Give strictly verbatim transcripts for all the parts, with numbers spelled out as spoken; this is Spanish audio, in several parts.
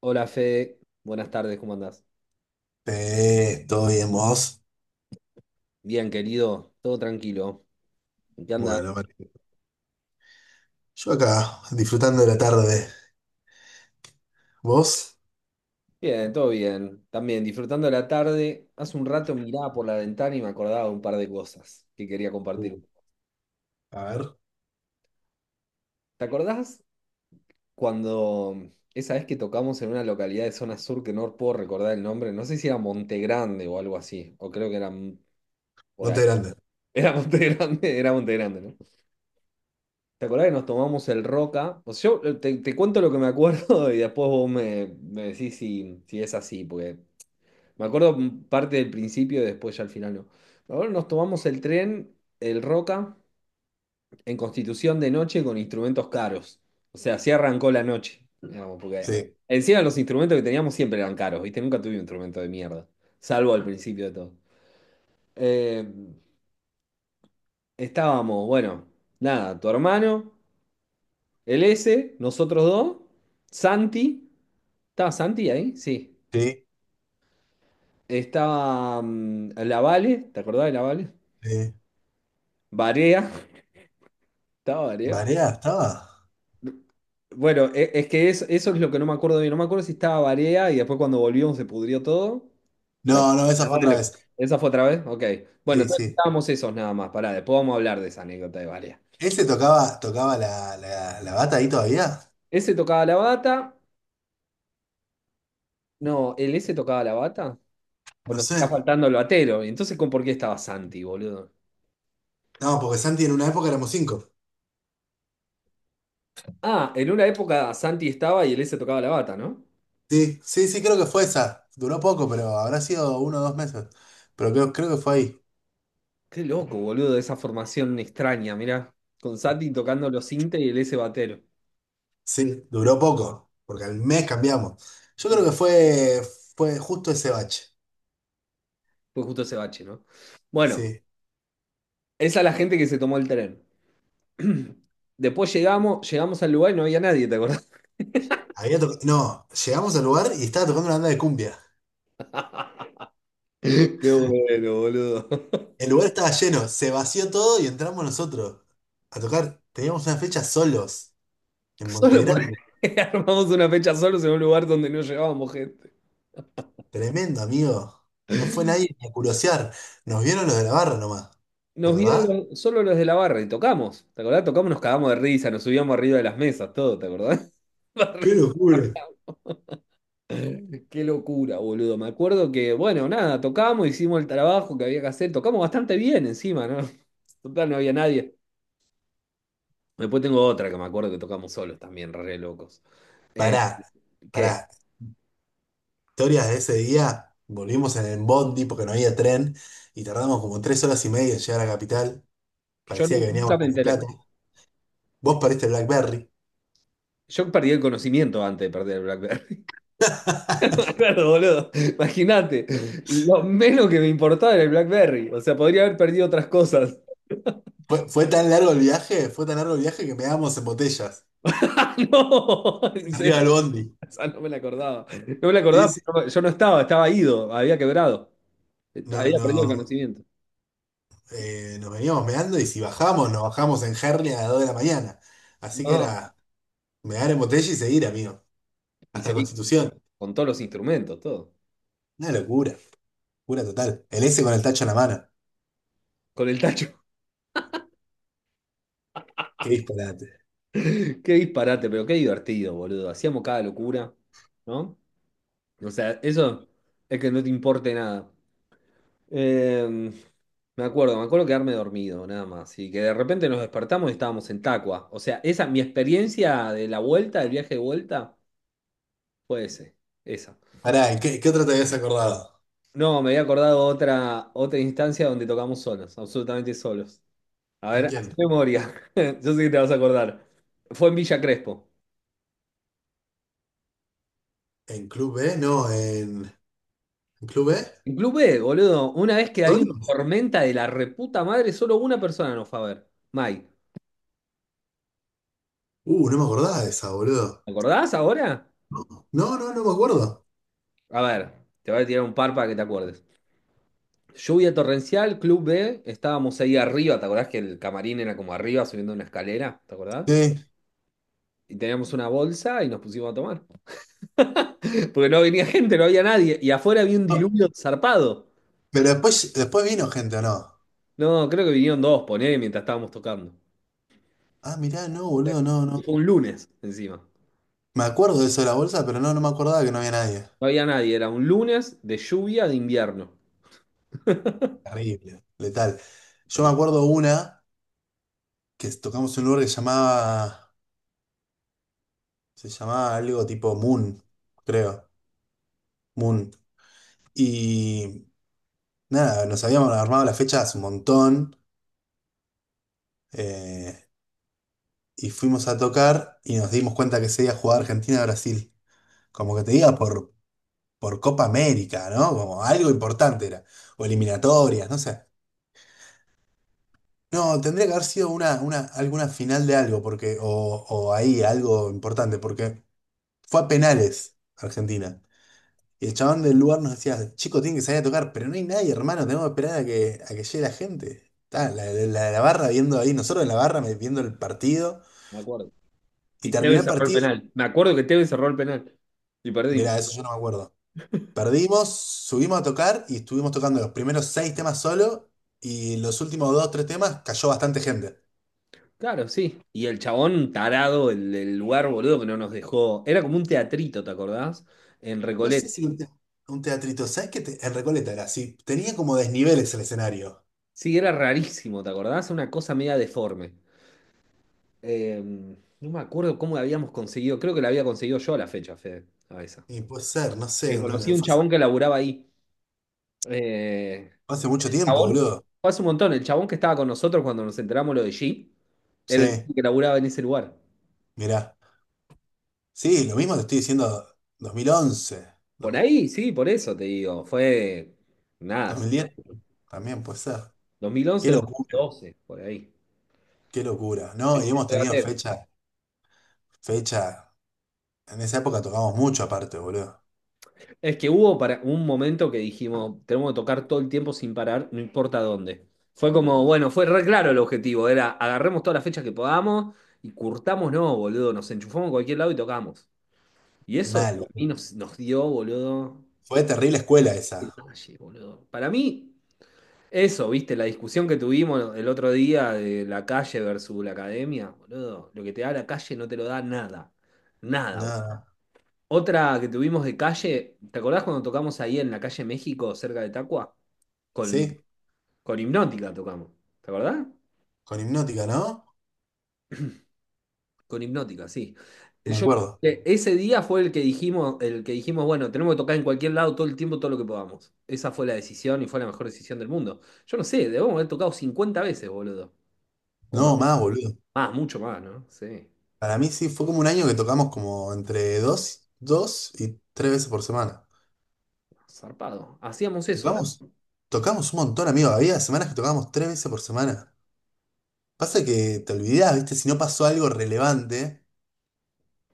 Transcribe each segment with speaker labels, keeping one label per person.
Speaker 1: Hola Fede, buenas tardes, ¿cómo andás?
Speaker 2: Eh, ¿todo bien, vos?
Speaker 1: Bien, querido, todo tranquilo. ¿En ¿Qué andás?
Speaker 2: Bueno, vale. Yo acá, disfrutando de la tarde. ¿Vos?
Speaker 1: Bien, todo bien. También disfrutando la tarde. Hace un rato miraba por la ventana y me acordaba de un par de cosas que quería
Speaker 2: Uh,
Speaker 1: compartir.
Speaker 2: A ver.
Speaker 1: ¿Te acordás cuando esa vez que tocamos en una localidad de zona sur que no puedo recordar el nombre? No sé si era Monte Grande o algo así, o creo que era m- por ahí.
Speaker 2: Monte Grande.
Speaker 1: Era Monte Grande, era Monte Grande, ¿no? ¿Te acordás que nos tomamos el Roca? O sea, yo eh, te, te cuento lo que me acuerdo y después vos me, me decís si, si es así, porque me acuerdo m- parte del principio y después ya al final no. Ahora nos tomamos el tren, el Roca, en Constitución de noche con instrumentos caros. O sea, así arrancó la noche, digamos, porque
Speaker 2: Sí,
Speaker 1: encima los instrumentos que teníamos siempre eran caros, ¿viste? Nunca tuve un instrumento de mierda, salvo al principio de todo. Eh, Estábamos, bueno, nada, tu hermano. El S, nosotros dos, Santi, ¿estaba Santi ahí? Sí.
Speaker 2: sí.
Speaker 1: Estaba mm, la Vale, ¿te acordás de la Vale?
Speaker 2: Sí.
Speaker 1: Varea, estaba Varea.
Speaker 2: ¿Marea estaba?
Speaker 1: Bueno, e- es, que es- eso es lo que no me acuerdo bien. No me acuerdo si estaba Varea y después cuando volvimos se pudrió todo. ¿Te
Speaker 2: No, no,
Speaker 1: acordás de
Speaker 2: esa fue otra
Speaker 1: la Vale?
Speaker 2: vez.
Speaker 1: ¿Esa fue otra vez? Ok. Bueno,
Speaker 2: Sí,
Speaker 1: entonces
Speaker 2: sí.
Speaker 1: estábamos esos nada más. Pará, después vamos a hablar de esa anécdota de Varea.
Speaker 2: ¿Ese tocaba, tocaba la, la, la bata ahí todavía?
Speaker 1: Ese tocaba la bata. No, ¿el S tocaba la bata? ¿O
Speaker 2: No
Speaker 1: nos
Speaker 2: sé.
Speaker 1: está faltando el batero? Entonces, ¿con ¿por qué estaba Santi, boludo?
Speaker 2: No, porque Santi en una época éramos cinco.
Speaker 1: Ah, en una época Santi estaba y él se tocaba la bata, ¿no?
Speaker 2: Sí, sí, sí, creo que fue esa. Duró poco, pero habrá sido uno o dos meses. Pero creo, creo que fue ahí.
Speaker 1: Qué loco, boludo, esa formación extraña, mirá. Con Santi tocando los cintes y el S batero.
Speaker 2: Sí, duró poco, porque al mes cambiamos. Yo
Speaker 1: Mm,
Speaker 2: creo que fue, fue justo ese bache.
Speaker 1: Fue justo ese bache, ¿no? Bueno,
Speaker 2: Sí.
Speaker 1: esa es la gente que se tomó el tren. Después llegamos, llegamos al lugar y no había nadie, ¿te acordás?
Speaker 2: Había to- No, llegamos al lugar y estaba tocando una banda de cumbia.
Speaker 1: Qué bueno, boludo.
Speaker 2: El lugar estaba lleno, se vació todo y entramos nosotros a tocar. Teníamos una fecha solos en
Speaker 1: Solo por
Speaker 2: Montegrande.
Speaker 1: armamos una fecha solos en un lugar donde no llegábamos gente.
Speaker 2: Tremendo, amigo. No fue nadie ni a curiosear. Nos vieron los de la barra nomás. ¿Te
Speaker 1: Nos vieron
Speaker 2: acordás?
Speaker 1: los- solo los de la barra y tocamos. ¿Te acordás? Tocamos, nos cagamos de risa, nos subíamos arriba de las mesas, todo, ¿te acordás?
Speaker 2: ¡Qué locura!
Speaker 1: Qué locura, boludo. Me acuerdo que, bueno, nada, tocamos, hicimos el trabajo que había que hacer. Tocamos bastante bien encima, ¿no? Total, no había nadie. Después tengo otra que me acuerdo que tocamos solos también, re locos. Eh,
Speaker 2: Pará, pará.
Speaker 1: ¿qué?
Speaker 2: Historias de ese día, volvimos en el bondi porque no había tren y tardamos como tres horas y media en llegar a Capital.
Speaker 1: Yo
Speaker 2: Parecía
Speaker 1: nu-
Speaker 2: que veníamos
Speaker 1: nunca me
Speaker 2: a La Plata.
Speaker 1: enteré.
Speaker 2: Vos pariste BlackBerry.
Speaker 1: Yo perdí el conocimiento antes de perder el BlackBerry. Me acuerdo, boludo. Imagínate, lo menos que me importaba era el BlackBerry. O sea, podría haber perdido otras cosas.
Speaker 2: Fue, fue tan largo el viaje, fue tan largo el viaje que meábamos en botellas,
Speaker 1: No, en
Speaker 2: arriba
Speaker 1: serio,
Speaker 2: del bondi.
Speaker 1: esa no me la acordaba. No me la
Speaker 2: Sí,
Speaker 1: acordaba,
Speaker 2: sí.
Speaker 1: porque no- yo no estaba, estaba ido, había quebrado. Eh,
Speaker 2: No,
Speaker 1: Había perdido el
Speaker 2: no,
Speaker 1: conocimiento.
Speaker 2: eh, nos veníamos meando y si bajamos, nos bajamos en Herli a las dos de la mañana. Así que
Speaker 1: No.
Speaker 2: era mear en botella y seguir, amigo.
Speaker 1: Y
Speaker 2: Hasta
Speaker 1: seguí
Speaker 2: Constitución.
Speaker 1: con todos los instrumentos, todo.
Speaker 2: Una locura, locura total. El S con el tacho en la mano.
Speaker 1: Con el tacho.
Speaker 2: Qué disparate.
Speaker 1: Qué disparate, pero qué divertido, boludo. Hacíamos cada locura, ¿no? O sea, eso es que no te importe nada. Eh, me acuerdo, me acuerdo quedarme dormido, nada más. Y que de repente nos despertamos y estábamos en Tacua. O sea, esa, mi experiencia de la vuelta, del viaje de vuelta, fue ese, esa.
Speaker 2: Pará, ¿qué, qué otra te habías acordado?
Speaker 1: No, me había acordado otra, otra instancia donde tocamos solos, absolutamente solos. A
Speaker 2: ¿Con
Speaker 1: ver,
Speaker 2: quién?
Speaker 1: haz memoria. Yo sé que te vas a acordar. Fue en Villa Crespo.
Speaker 2: En Club B, no, en, ¿en Club B?
Speaker 1: En Club B, boludo. Una vez que había una
Speaker 2: ¿Torio?
Speaker 1: tormenta de la reputa madre, solo una persona nos fue a ver. Mike.
Speaker 2: Uh, no me acordaba de esa, boludo.
Speaker 1: ¿Te acordás ahora?
Speaker 2: No, no, no, no me acuerdo.
Speaker 1: A ver, te voy a tirar un par para que te acuerdes. Lluvia torrencial, Club B. Estábamos ahí arriba. ¿Te acordás que el camarín era como arriba, subiendo una escalera? ¿Te acordás?
Speaker 2: Sí.
Speaker 1: Y teníamos una bolsa y nos pusimos a tomar. Porque no venía gente, no había nadie. Y afuera había un
Speaker 2: No,
Speaker 1: diluvio zarpado.
Speaker 2: pero después, después vino gente, ¿o no?
Speaker 1: No, creo que vinieron dos, poné, mientras estábamos tocando.
Speaker 2: Ah, mirá, no, boludo, no,
Speaker 1: Y
Speaker 2: no.
Speaker 1: fue un lunes encima. No
Speaker 2: Me acuerdo de eso de la bolsa, pero no, no me acordaba que no había nadie.
Speaker 1: había nadie, era un lunes de lluvia de invierno.
Speaker 2: Terrible, letal. Yo me
Speaker 1: Porque
Speaker 2: acuerdo una que tocamos en un lugar que llamaba, se llamaba algo tipo Moon, creo. Moon. Y nada, nos habíamos armado las fechas un montón. eh, y fuimos a tocar y nos dimos cuenta que se iba a jugar Argentina-Brasil. Como que te diga por, por Copa América, ¿no? Como algo importante era. O eliminatorias, no sé. No, tendría que haber sido una, una, alguna final de algo, porque, o, o ahí algo importante, porque fue a penales Argentina. Y el chabón del lugar nos decía, chico, tienen que salir a tocar, pero no hay nadie, hermano, tenemos que esperar a que, a que llegue la gente. Está, la, la, la barra viendo ahí, nosotros en la barra me- viendo el partido,
Speaker 1: me acuerdo.
Speaker 2: y
Speaker 1: Y
Speaker 2: terminó
Speaker 1: Tevez
Speaker 2: el
Speaker 1: cerró el
Speaker 2: partido,
Speaker 1: penal. Me acuerdo que Tevez cerró el penal. Y perdimos.
Speaker 2: mirá, eso yo no me acuerdo. Perdimos, subimos a tocar y estuvimos tocando los primeros seis temas solo y los últimos dos, tres temas cayó bastante gente.
Speaker 1: Claro, sí. Y el chabón tarado, el, el lugar boludo que no nos dejó. Era como un teatrito, ¿te acordás? En
Speaker 2: No
Speaker 1: Recoleta.
Speaker 2: sé si un, te- un teatrito, ¿sabes qué? Te- en Recoleta era así, tenía como desniveles el escenario.
Speaker 1: Sí, era rarísimo, ¿te acordás? Una cosa media deforme. Eh, no me acuerdo cómo la habíamos conseguido. Creo que la había conseguido yo a la fecha, Fede. A esa.
Speaker 2: Y puede ser, no
Speaker 1: Que
Speaker 2: sé, no,
Speaker 1: conocí
Speaker 2: no,
Speaker 1: a un
Speaker 2: fue hace,
Speaker 1: chabón que laburaba ahí. Eh,
Speaker 2: fue hace mucho tiempo,
Speaker 1: chabón,
Speaker 2: boludo.
Speaker 1: fue hace un montón, el chabón que estaba con nosotros cuando nos enteramos lo de G,
Speaker 2: Sí,
Speaker 1: era el que laburaba en ese lugar.
Speaker 2: mirá. Sí, lo mismo te estoy diciendo dos mil once,
Speaker 1: Por
Speaker 2: do-
Speaker 1: ahí, sí, por eso te digo, fue, nada,
Speaker 2: dos
Speaker 1: sí,
Speaker 2: mil diez también puede ser. Qué
Speaker 1: dos mil once,
Speaker 2: locura,
Speaker 1: dos mil doce, por ahí.
Speaker 2: qué locura. No,
Speaker 1: Sí,
Speaker 2: y
Speaker 1: sí,
Speaker 2: hemos tenido
Speaker 1: espérate.
Speaker 2: fecha, fecha, en esa época tocamos mucho aparte, boludo.
Speaker 1: Es que hubo para un momento que dijimos, tenemos que tocar todo el tiempo sin parar, no importa dónde. Fue como, bueno, fue re claro el objetivo, era agarremos todas las fechas que podamos y curtamos, no, boludo, nos enchufamos a cualquier lado y tocamos. Y eso
Speaker 2: Mal,
Speaker 1: para mí
Speaker 2: boludo.
Speaker 1: nos, nos dio, boludo,
Speaker 2: Fue terrible escuela esa.
Speaker 1: detalle, boludo. Para mí, eso, viste, la discusión que tuvimos el otro día de la calle versus la academia, boludo, lo que te da la calle no te lo da nada, nada. Boludo.
Speaker 2: Nada.
Speaker 1: Otra que tuvimos de calle, ¿te acordás cuando tocamos ahí en la calle México, cerca de Tacua? Con,
Speaker 2: Sí,
Speaker 1: con Hipnótica tocamos, ¿te acordás?
Speaker 2: con Hipnótica, ¿no?
Speaker 1: Con Hipnótica, sí.
Speaker 2: Me
Speaker 1: Yo,
Speaker 2: acuerdo.
Speaker 1: eh, ese día fue el que dijimos, el que dijimos, bueno, tenemos que tocar en cualquier lado todo el tiempo, todo lo que podamos. Esa fue la decisión y fue la mejor decisión del mundo. Yo no sé, debemos haber tocado cincuenta veces, boludo, o más.
Speaker 2: No, más, boludo.
Speaker 1: Más, mucho más, ¿no? Sí,
Speaker 2: Para mí sí, fue como un año que tocamos como entre dos, dos y tres veces por semana.
Speaker 1: zarpado. Hacíamos eso,
Speaker 2: Tocamos,
Speaker 1: ¿no?
Speaker 2: tocamos un montón, amigo. Había semanas que tocábamos tres veces por semana. Pasa que te olvidás, ¿viste? Si no pasó algo relevante,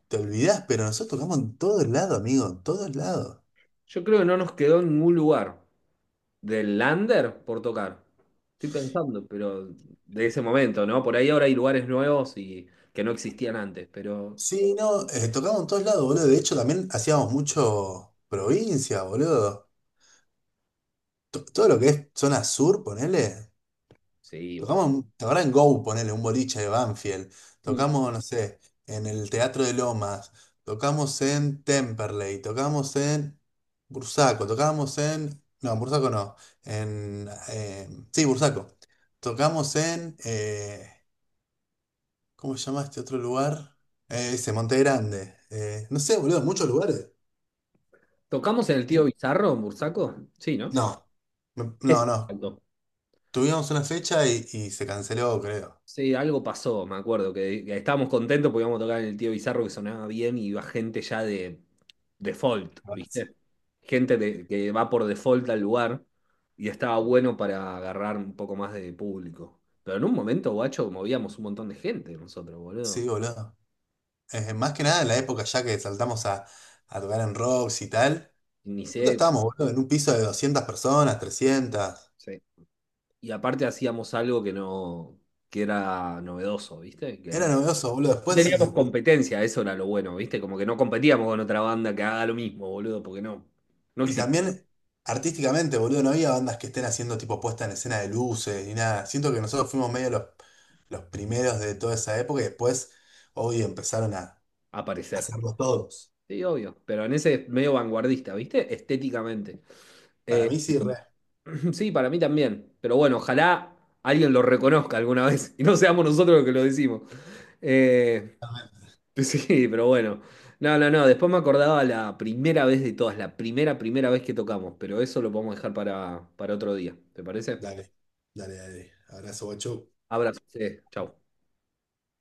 Speaker 2: te olvidás, pero nosotros tocamos en todos lados, amigo, en todos lados.
Speaker 1: Yo creo que no nos quedó en ningún lugar del lander por tocar. Estoy pensando, pero de ese momento, ¿no? Por ahí ahora hay lugares nuevos y que no existían antes, pero
Speaker 2: Sí, no, eh, tocamos en todos lados, boludo. De hecho, también hacíamos mucho provincia, boludo. To- todo lo que es zona sur, ponele.
Speaker 1: sí, boludo.
Speaker 2: Tocamos, un- ¿te acordás en Go, ponele, un boliche de Banfield?
Speaker 1: Mm.
Speaker 2: Tocamos, no sé, en el Teatro de Lomas. Tocamos en Temperley. Tocamos en Bursaco. Tocamos en. No, en Bursaco no. En. Eh, sí, Bursaco. Tocamos en. Eh, ¿cómo se llama este otro lugar? Eh, ese, Monte Grande. Eh, no sé, boludo, muchos lugares.
Speaker 1: ¿Tocamos en el Tío Bizarro, en Bursaco? Sí, ¿no?
Speaker 2: No, me- no,
Speaker 1: Ese,
Speaker 2: no.
Speaker 1: exacto.
Speaker 2: Tuvimos una fecha y, y se canceló, creo.
Speaker 1: Sí, algo pasó, me acuerdo, que, que estábamos contentos porque íbamos a tocar en el Tío Bizarro que sonaba bien y iba gente ya de default, ¿viste? Gente de- que va por default al lugar y estaba bueno para agarrar un poco más de público. Pero en un momento, guacho, movíamos un montón de gente nosotros,
Speaker 2: Sí,
Speaker 1: boludo.
Speaker 2: boludo. Eh, más que nada en la época ya que saltamos a, a tocar en rocks y tal.
Speaker 1: Ni sé.
Speaker 2: Nosotros estábamos, boludo, en un piso de doscientas personas, trescientas.
Speaker 1: Sí. Y aparte hacíamos algo que no, que era novedoso, ¿viste? Que no.
Speaker 2: Era novedoso, boludo.
Speaker 1: No
Speaker 2: Después,
Speaker 1: teníamos
Speaker 2: eh,
Speaker 1: competencia, eso era lo bueno, ¿viste? Como que no competíamos con otra banda que haga lo mismo, boludo, porque no, no
Speaker 2: y
Speaker 1: existía.
Speaker 2: también artísticamente, boludo, no había bandas que estén haciendo tipo puesta en escena de luces ni nada. Siento que nosotros fuimos medio los, los primeros de toda esa época y después, hoy empezaron a
Speaker 1: Aparecer.
Speaker 2: hacerlo todos.
Speaker 1: Sí, obvio, pero en ese medio vanguardista, ¿viste? Estéticamente.
Speaker 2: Para
Speaker 1: Eh,
Speaker 2: mí sí, re.
Speaker 1: sí, para mí también, pero bueno, ojalá alguien lo reconozca alguna vez y no seamos nosotros los que lo decimos. Eh, sí, pero bueno. No, no, no, después me acordaba la primera vez de todas, la primera, primera vez que tocamos, pero eso lo podemos dejar para, para otro día, ¿te parece?
Speaker 2: Dale, dale, dale. Abrazo, guacho.
Speaker 1: Abrazo, sí, chau.